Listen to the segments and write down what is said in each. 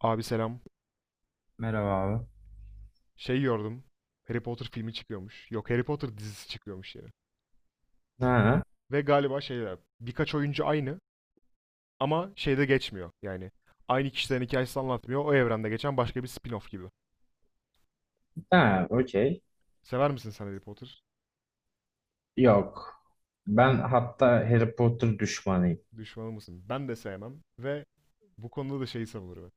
Abi selam. Merhaba abi. Şey gördüm. Harry Potter filmi çıkıyormuş. Yok, Harry Potter dizisi çıkıyormuş yani. Ha, Ve galiba şeyler, birkaç oyuncu aynı ama şeyde geçmiyor. Yani aynı kişilerin hikayesi anlatmıyor. O evrende geçen başka bir spin-off gibi. ha, okey. Sever misin sen Harry Potter? Yok. Ben hatta Harry Potter düşmanıyım. Düşmanı mısın? Ben de sevmem ve bu konuda da şeyi savunurum.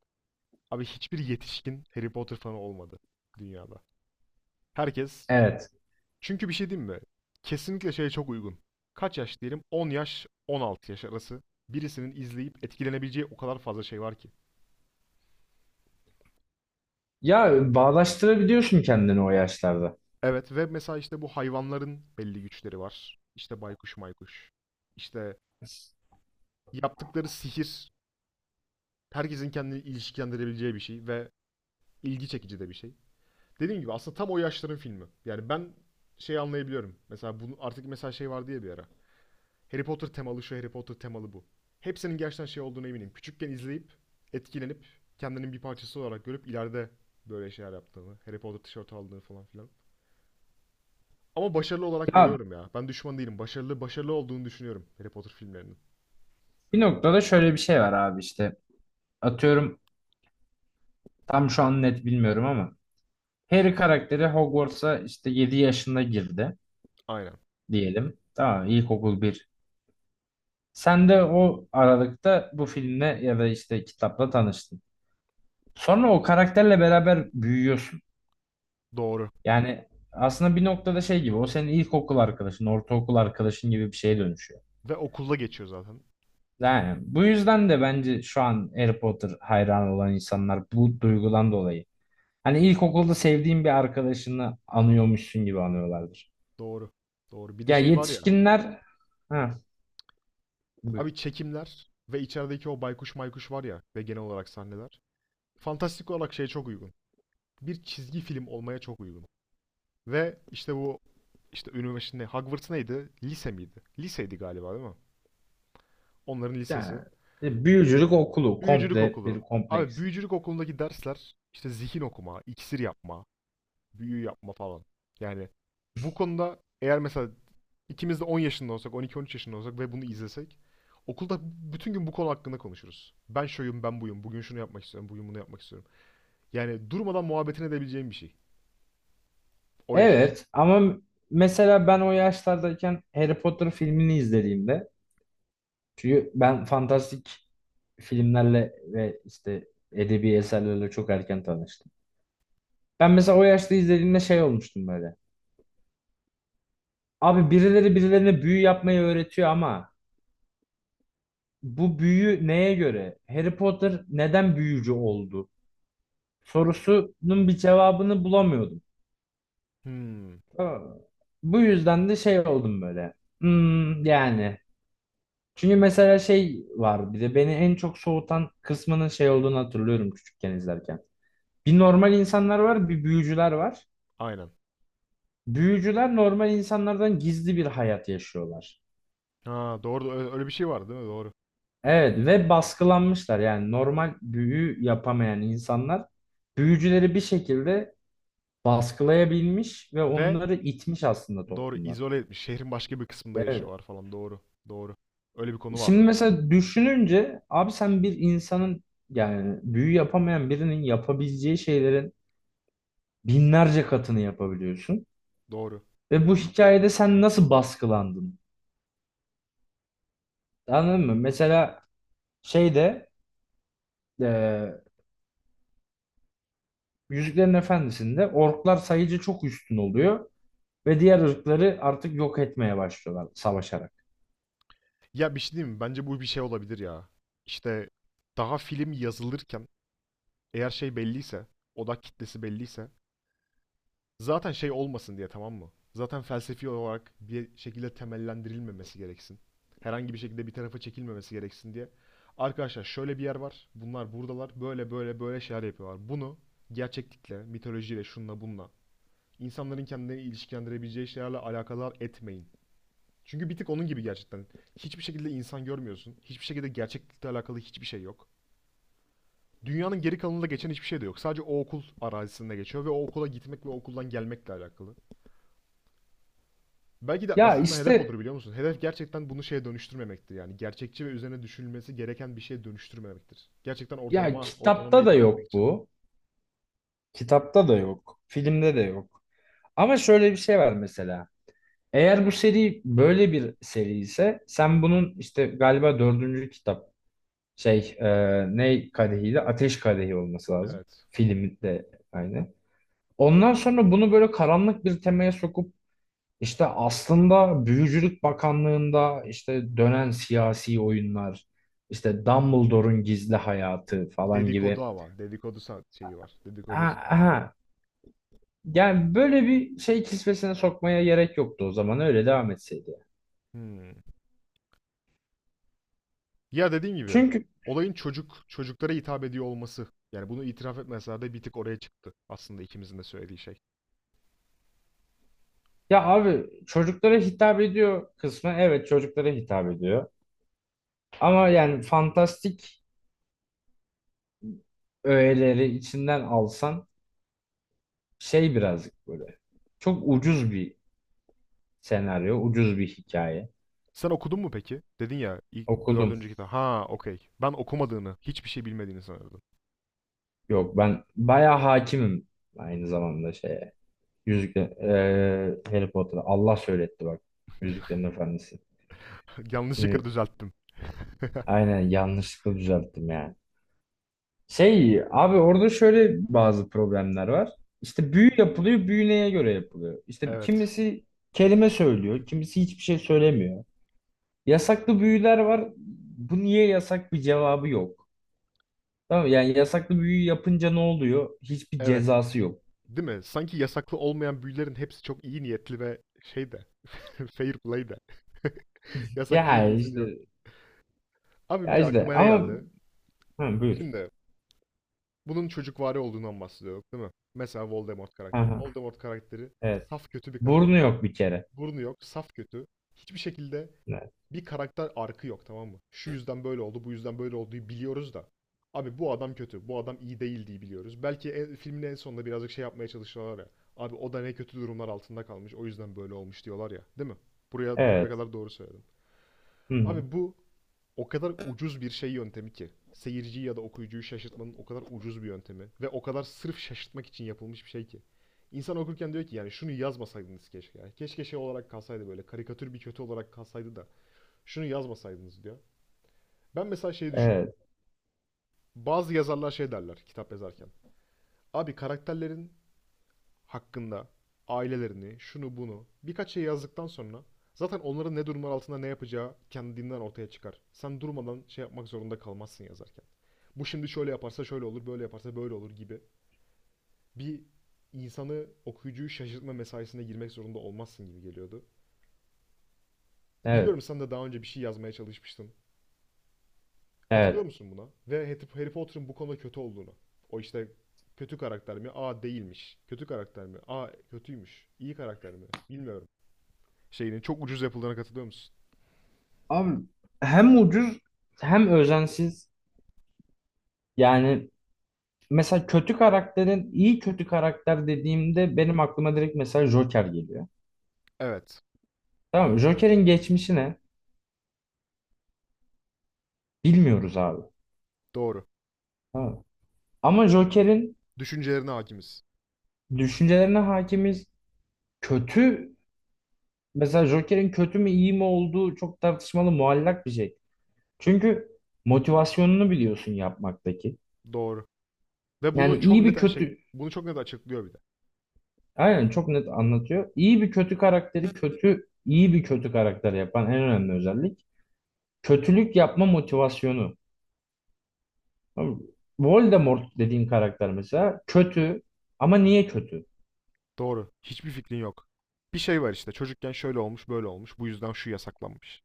Abi hiçbir yetişkin Harry Potter fanı olmadı dünyada. Herkes Evet. Çünkü bir şey diyeyim mi? Kesinlikle şeye çok uygun. Kaç yaş diyelim? 10 yaş, 16 yaş arası. Birisinin izleyip etkilenebileceği o kadar fazla şey var ki. Ya bağdaştırabiliyorsun kendini o yaşlarda. Evet, ve mesela işte bu hayvanların belli güçleri var. İşte baykuş maykuş. İşte yaptıkları sihir herkesin kendini ilişkilendirebileceği bir şey ve ilgi çekici de bir şey. Dediğim gibi aslında tam o yaşların filmi. Yani ben şey anlayabiliyorum. Mesela bunu artık, mesela şey vardı ya bir ara. Harry Potter temalı şu, Harry Potter temalı bu. Hepsinin gerçekten şey olduğunu eminim. Küçükken izleyip etkilenip kendinin bir parçası olarak görüp ileride böyle şeyler yaptığını, Harry Potter tişörtü aldığını falan filan. Ama başarılı olarak Ya görüyorum ya. Ben düşman değilim. Başarılı olduğunu düşünüyorum Harry Potter filmlerinin. bir noktada şöyle bir şey var abi işte. Atıyorum tam şu an net bilmiyorum ama Harry karakteri Hogwarts'a işte 7 yaşında girdi Aynen. diyelim. Tamam ilkokul bir. Sen de o aralıkta bu filmle ya da işte kitapla tanıştın. Sonra o karakterle beraber büyüyorsun. Doğru. Yani aslında bir noktada şey gibi o senin ilkokul arkadaşın, ortaokul arkadaşın gibi bir şeye dönüşüyor. Ve okulda geçiyor zaten. Yani bu yüzden de bence şu an Harry Potter hayranı olan insanlar bu duygudan dolayı. Hani ilkokulda sevdiğin bir arkadaşını anıyormuşsun gibi anıyorlardır. Doğru. Doğru. Bir de Ya şey var ya. yetişkinler ha, buyur. Abi çekimler ve içerideki o baykuş maykuş var ya ve genel olarak sahneler. Fantastik olarak şeye çok uygun. Bir çizgi film olmaya çok uygun. Ve işte bu, işte üniversite ne- Hogwarts neydi? Lise miydi? Liseydi galiba, değil mi? Onların lisesi. Yani, büyücülük okulu Büyücülük komple bir okulu. kompleks. Abi büyücülük okulundaki dersler işte zihin okuma, iksir yapma, büyü yapma falan. Yani bu konuda eğer mesela ikimiz de 10 yaşında olsak, 12-13 yaşında olsak ve bunu izlesek, okulda bütün gün bu konu hakkında konuşuruz. Ben şuyum, ben buyum. Bugün şunu yapmak istiyorum, bugün bunu yapmak istiyorum. Yani durmadan muhabbetini edebileceğim bir şey. O yaş için. Evet ama mesela ben o yaşlardayken Harry Potter filmini izlediğimde çünkü ben fantastik filmlerle ve işte edebi eserlerle çok erken tanıştım. Ben mesela o yaşta izlediğimde şey olmuştum böyle. Abi birileri birilerine büyü yapmayı öğretiyor ama bu büyü neye göre? Harry Potter neden büyücü oldu? Sorusunun bir cevabını bulamıyordum. Hmm, Tamam mı? Bu yüzden de şey oldum böyle. Hmm, yani. Çünkü mesela şey var bir de beni en çok soğutan kısmının şey olduğunu hatırlıyorum küçükken izlerken. Bir normal insanlar var, bir büyücüler var. aynen. Büyücüler normal insanlardan gizli bir hayat yaşıyorlar. Ha, doğru. Öyle öyle bir şey vardı, değil mi? Doğru. Evet ve baskılanmışlar yani normal büyü yapamayan insanlar büyücüleri bir şekilde baskılayabilmiş ve Ve onları itmiş aslında doğru, toplumlar. izole etmiş. Şehrin başka bir kısmında Evet. yaşıyorlar falan. Doğru. Doğru. Öyle bir konu Şimdi vardı. mesela düşününce abi sen bir insanın yani büyü yapamayan birinin yapabileceği şeylerin binlerce katını yapabiliyorsun. Doğru. Ve bu hikayede sen nasıl baskılandın? Anladın mı? Mesela şeyde e, Yüzüklerin Efendisi'nde orklar sayıca çok üstün oluyor ve diğer ırkları artık yok etmeye başlıyorlar savaşarak. Ya bir şey diyeyim mi? Bence bu bir şey olabilir ya. İşte daha film yazılırken, eğer şey belliyse, odak kitlesi belliyse, zaten şey olmasın diye, tamam mı? Zaten felsefi olarak bir şekilde temellendirilmemesi gereksin. Herhangi bir şekilde bir tarafa çekilmemesi gereksin diye. Arkadaşlar şöyle bir yer var. Bunlar buradalar. Böyle böyle böyle şeyler yapıyorlar. Bunu gerçeklikle, mitolojiyle, şunla bununla, insanların kendini ilişkilendirebileceği şeylerle alakadar etmeyin. Çünkü bir tık onun gibi gerçekten. Hiçbir şekilde insan görmüyorsun. Hiçbir şekilde gerçeklikle alakalı hiçbir şey yok. Dünyanın geri kalanında geçen hiçbir şey de yok. Sadece o okul arazisinde geçiyor ve o okula gitmek ve o okuldan gelmekle alakalı. Belki de Ya aslında hedef işte odur, biliyor musun? Hedef gerçekten bunu şeye dönüştürmemektir yani. Gerçekçi ve üzerine düşünülmesi gereken bir şeye dönüştürmemektir. Gerçekten ya ortalama kitapta da hitap etmek yok için. bu. Kitapta da yok. Filmde de yok. Ama şöyle bir şey var mesela. Eğer bu seri böyle bir seri ise sen bunun işte galiba dördüncü kitap şey ne kadehiydi? Ateş Kadehi olması lazım. Evet. Filmi de aynı. Ondan sonra bunu böyle karanlık bir temaya sokup İşte aslında Büyücülük Bakanlığı'nda işte dönen siyasi oyunlar, işte Dumbledore'un gizli hayatı falan gibi. Dedikodu ama. Dedikodu şeyi var. Dedikodu. Aha, aha. Yani böyle bir şey kisvesine sokmaya gerek yoktu o zaman öyle devam etseydi. Hmm. Ya dediğim gibi Çünkü olayın çocuklara hitap ediyor olması. Yani bunu itiraf etmeseler de bir tık oraya çıktı aslında ikimizin de söylediği şey. ya abi çocuklara hitap ediyor kısmı, evet çocuklara hitap ediyor. Ama yani fantastik öğeleri içinden alsan şey birazcık böyle. Çok ucuz bir senaryo, ucuz bir hikaye. Sen okudun mu peki? Dedin ya ilk Okudum. dördüncü kitap. Ha, okey. Ben okumadığını, hiçbir şey bilmediğini sanırdım. Yok ben bayağı hakimim aynı zamanda şeye. Yüzükle Harry Potter'a Allah söyletti bak. Yüzüklerin Efendisi. Yanlışlıkla Çünkü düzelttim. aynen yanlışlıkla düzelttim yani. Şey abi orada şöyle bazı problemler var. İşte büyü yapılıyor, büyü neye göre yapılıyor? İşte Evet. kimisi kelime söylüyor, kimisi hiçbir şey söylemiyor. Yasaklı büyüler var. Bu niye yasak bir cevabı yok. Tamam mı? Yani yasaklı büyü yapınca ne oluyor? Hiçbir Evet. cezası yok. Değil mi? Sanki yasaklı olmayan büyülerin hepsi çok iyi niyetli ve şey de, fair play de. Yasaklılara Yani izin yok. işte. Abi bir Ya de işte aklıma ne ama. geldi? Hı, buyur. Şimdi bunun çocukvari olduğundan bahsediyor, değil mi? Mesela Voldemort Hı karakteri. hı, Voldemort karakteri evet. saf kötü bir Burnu karakter. yok bir kere. Burnu yok, saf kötü. Hiçbir şekilde Evet. bir karakter arkı yok, tamam mı? Şu yüzden böyle oldu, bu yüzden böyle olduğu biliyoruz da. Abi bu adam kötü, bu adam iyi değil diye biliyoruz. Belki en, filmin en sonunda birazcık şey yapmaya çalışıyorlar ya. Abi o da ne kötü durumlar altında kalmış, o yüzden böyle olmuş diyorlar ya, değil mi? Buraya Evet. kadar doğru söyledim. Hı hı, Abi bu o kadar ucuz bir şey yöntemi ki. Seyirciyi ya da okuyucuyu şaşırtmanın o kadar ucuz bir yöntemi ve o kadar sırf şaşırtmak için yapılmış bir şey ki. İnsan okurken diyor ki yani şunu yazmasaydınız keşke, ya. Keşke şey olarak kalsaydı, böyle karikatür bir kötü olarak kalsaydı da şunu yazmasaydınız diyor. Ben mesela şey düşünüyorum. evet. Bazı yazarlar şey derler kitap yazarken. Abi karakterlerin hakkında ailelerini, şunu bunu birkaç şey yazdıktan sonra zaten onların ne durumlar altında ne yapacağı kendinden ortaya çıkar. Sen durmadan şey yapmak zorunda kalmazsın yazarken. Bu şimdi şöyle yaparsa şöyle olur, böyle yaparsa böyle olur gibi bir, insanı, okuyucuyu şaşırtma mesaisine girmek zorunda olmazsın gibi geliyordu. Biliyorum Evet. sen de daha önce bir şey yazmaya çalışmıştın. Katılıyor Evet. musun buna? Ve Harry Potter'ın bu konuda kötü olduğunu. O işte kötü karakter mi? Aa, değilmiş. Kötü karakter mi? Aa, kötüymüş. İyi karakter mi? Bilmiyorum. Şeyinin çok ucuz yapıldığına katılıyor musun? Abi hem ucuz hem özensiz. Yani mesela kötü karakterin, iyi kötü karakter dediğimde benim aklıma direkt mesela Joker geliyor. Evet. Tamam mı? Joker'in geçmişi ne? Bilmiyoruz abi. Doğru. Tamam mı? Ama Joker'in Düşüncelerine hakimiz. düşüncelerine hakimiz. Kötü, mesela Joker'in kötü mü iyi mi olduğu çok tartışmalı muallak bir şey. Çünkü motivasyonunu biliyorsun yapmaktaki. Doğru. Ve Yani bunu çok iyi bir net kötü, açıklıyor bir de. aynen çok net anlatıyor. İyi bir kötü karakteri kötü, iyi bir kötü karakter yapan en önemli özellik kötülük yapma motivasyonu. Tamam mı? Voldemort dediğin karakter mesela kötü ama niye kötü? Doğru. Hiçbir fikrin yok. Bir şey var işte. Çocukken şöyle olmuş, böyle olmuş. Bu yüzden şu yasaklanmış.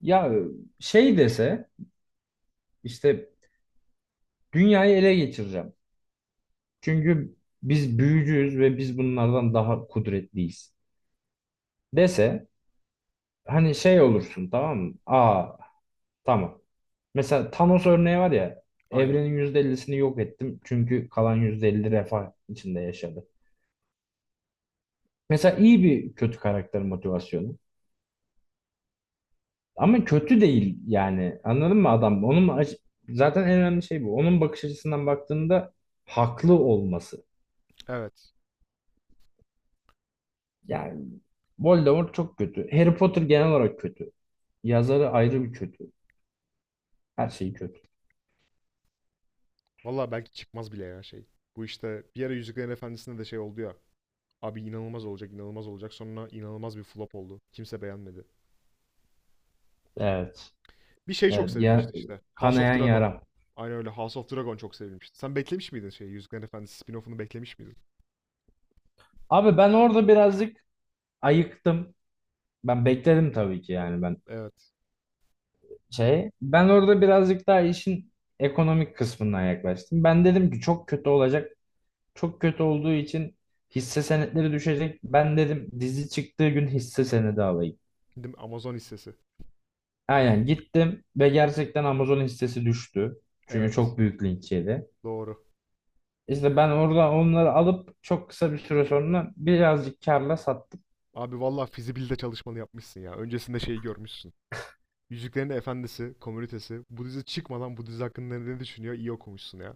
Ya şey dese işte dünyayı ele geçireceğim. Çünkü biz büyücüyüz ve biz bunlardan daha kudretliyiz dese, hani şey olursun tamam mı? Aa, tamam. Mesela Thanos örneği var ya, Aynen. evrenin %50'sini yok ettim çünkü kalan %50 refah içinde yaşadı. Mesela iyi bir kötü karakter motivasyonu. Ama kötü değil yani anladın mı adam? Zaten en önemli şey bu. Onun bakış açısından baktığında haklı olması. Evet. Yani Voldemort çok kötü. Harry Potter genel olarak kötü. Yazarı ayrı bir kötü. Her şey kötü. Vallahi belki çıkmaz bile ya şey. Bu işte bir ara Yüzüklerin Efendisi'nde de şey oldu ya. Abi inanılmaz olacak, inanılmaz olacak. Sonra inanılmaz bir flop oldu. Kimse beğenmedi. Evet. Bir şey çok Evet. Ya, sevilmişti işte. House of kanayan Dragon. yaram. Aynen öyle. House of Dragon çok sevilmişti. Sen beklemiş miydin şeyi? Yüzüklerin Efendisi spin-off'unu beklemiş miydin? Abi ben orada birazcık ayıktım. Ben bekledim tabii ki yani, ben Evet. şey. Ben orada birazcık daha işin ekonomik kısmından yaklaştım. Ben dedim ki çok kötü olacak. Çok kötü olduğu için hisse senetleri düşecek. Ben dedim dizi çıktığı gün hisse senedi alayım. Değil mi? Amazon hissesi. Aynen gittim ve gerçekten Amazon hissesi düştü. Çünkü Evet. çok büyük linç yedi. Doğru. İşte ben orada onları alıp çok kısa bir süre sonra birazcık karla sattım. Abi valla fizibilite çalışmanı yapmışsın ya. Öncesinde şeyi görmüşsün. Yüzüklerin Efendisi, komünitesi. Bu dizi çıkmadan bu dizi hakkında ne düşünüyor? İyi okumuşsun ya.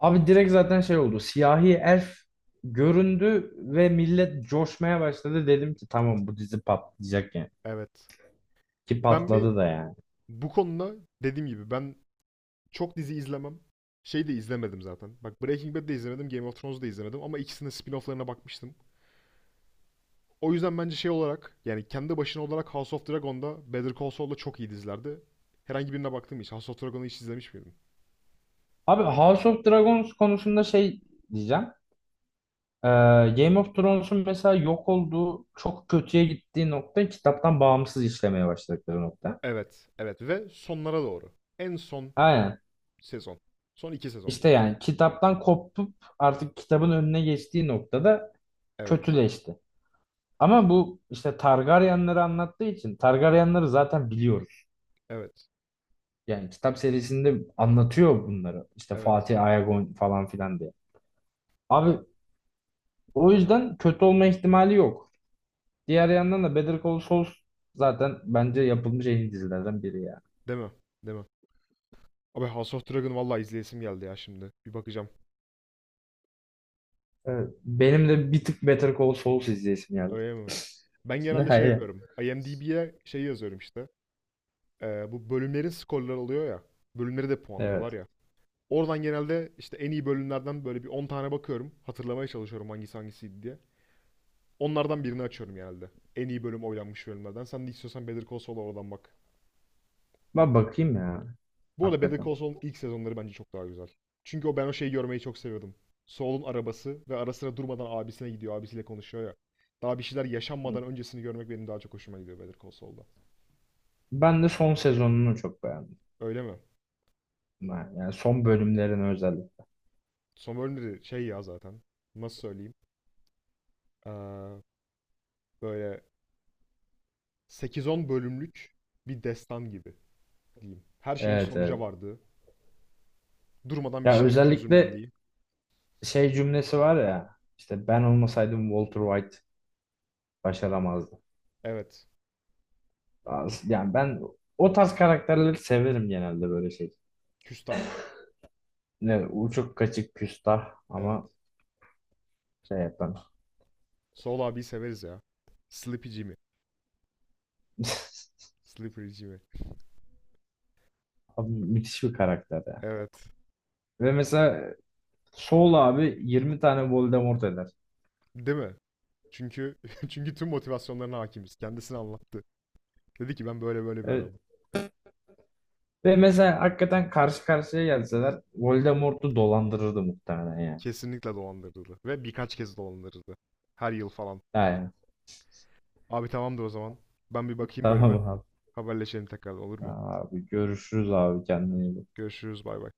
Abi direkt zaten şey oldu. Siyahi Elf göründü ve millet coşmaya başladı. Dedim ki tamam, bu dizi patlayacak yani. Evet. Ki Ben bir patladı da yani. bu konuda, dediğim gibi, ben çok dizi izlemem. Şey de izlemedim zaten. Bak Breaking Bad'de izlemedim, Game of Thrones'da izlemedim ama ikisinin spin-off'larına bakmıştım. O yüzden bence şey olarak, yani kendi başına olarak, House of Dragon'da Better Call Saul'da çok iyi dizilerdi. Herhangi birine baktın mı hiç? House of Dragon'u hiç izlemiş miydin? Abi House of Dragons konusunda şey diyeceğim. Ee, Game of Thrones'un mesela yok olduğu, çok kötüye gittiği nokta kitaptan bağımsız işlemeye başladıkları nokta. Evet, evet ve sonlara doğru. En son Aynen. sezon. Son iki sezon İşte diyelim. yani kitaptan kopup artık kitabın önüne geçtiği noktada Evet, kötüleşti. Ama bu işte Targaryenleri anlattığı için Targaryenleri zaten biliyoruz. evet, Yani kitap serisinde anlatıyor bunları. İşte evet. Fatih Ayagon falan filan diye. Abi o yüzden kötü olma ihtimali yok. Diğer yandan da Better Call Saul zaten bence yapılmış en iyi dizilerden biri ya. Değil mi? Değil mi? Abi House of Dragon vallahi izleyesim geldi ya şimdi. Bir bakacağım. Evet. Benim de bir tık Better Call Saul izleyesim geldi. Öyle mi? Ben Şimdi genelde şey hayır. yapıyorum. IMDb'ye şey yazıyorum işte. Bu bölümlerin skorları oluyor ya. Bölümleri de puanlıyorlar Evet. ya. Oradan genelde işte en iyi bölümlerden böyle bir 10 tane bakıyorum. Hatırlamaya çalışıyorum hangisi hangisiydi diye. Onlardan birini açıyorum genelde. En iyi bölüm, oylanmış bölümlerden. Sen de istiyorsan Better Call Saul'a oradan bak. Ben bakayım ya. Bu arada Better Hakikaten. Call Saul'un ilk sezonları bence çok daha güzel. Çünkü o, ben o şeyi görmeyi çok seviyordum. Saul'un arabası ve ara sıra durmadan abisine gidiyor, abisiyle konuşuyor ya. Daha bir şeyler yaşanmadan öncesini görmek benim daha çok hoşuma gidiyor Better Call Saul'da. Ben de son sezonunu çok beğendim. Öyle mi? Yani son bölümlerini özellikle. Son bölümleri şey ya zaten. Nasıl söyleyeyim? Ee, böyle sekiz on bölümlük bir destan gibi diyeyim. Her şeyin Evet, sonuca evet. vardığı, durmadan bir Ya şeylerin özellikle çözümlendiği. şey cümlesi var ya. İşte ben olmasaydım Walter White başaramazdı. Evet. Yani ben o tarz karakterleri severim genelde, böyle şey. Küstah. Ne uçuk kaçık küstah Evet. ama şey yapan. Saul abiyi severiz ya. Sleepy Jimmy. Slippery Jimmy. Abi müthiş bir karakter ya. Evet. Ve mesela Saul abi 20 tane Voldemort eder. Değil mi? Çünkü çünkü tüm motivasyonlarına hakimiz. Kendisini anlattı. Dedi ki ben böyle böyle bir adamım. Evet. Ve mesela hakikaten karşı karşıya gelseler Voldemort'u dolandırırdı muhtemelen yani. Kesinlikle dolandırıldı. Ve birkaç kez dolandırıldı. Her yıl falan. Yani Abi tamamdır o zaman. Ben bir bakayım bölüme. tamam abi. Haberleşelim tekrar, olur mu? Tamam abi, görüşürüz abi, kendine iyi bak. Görüşürüz, bay bay.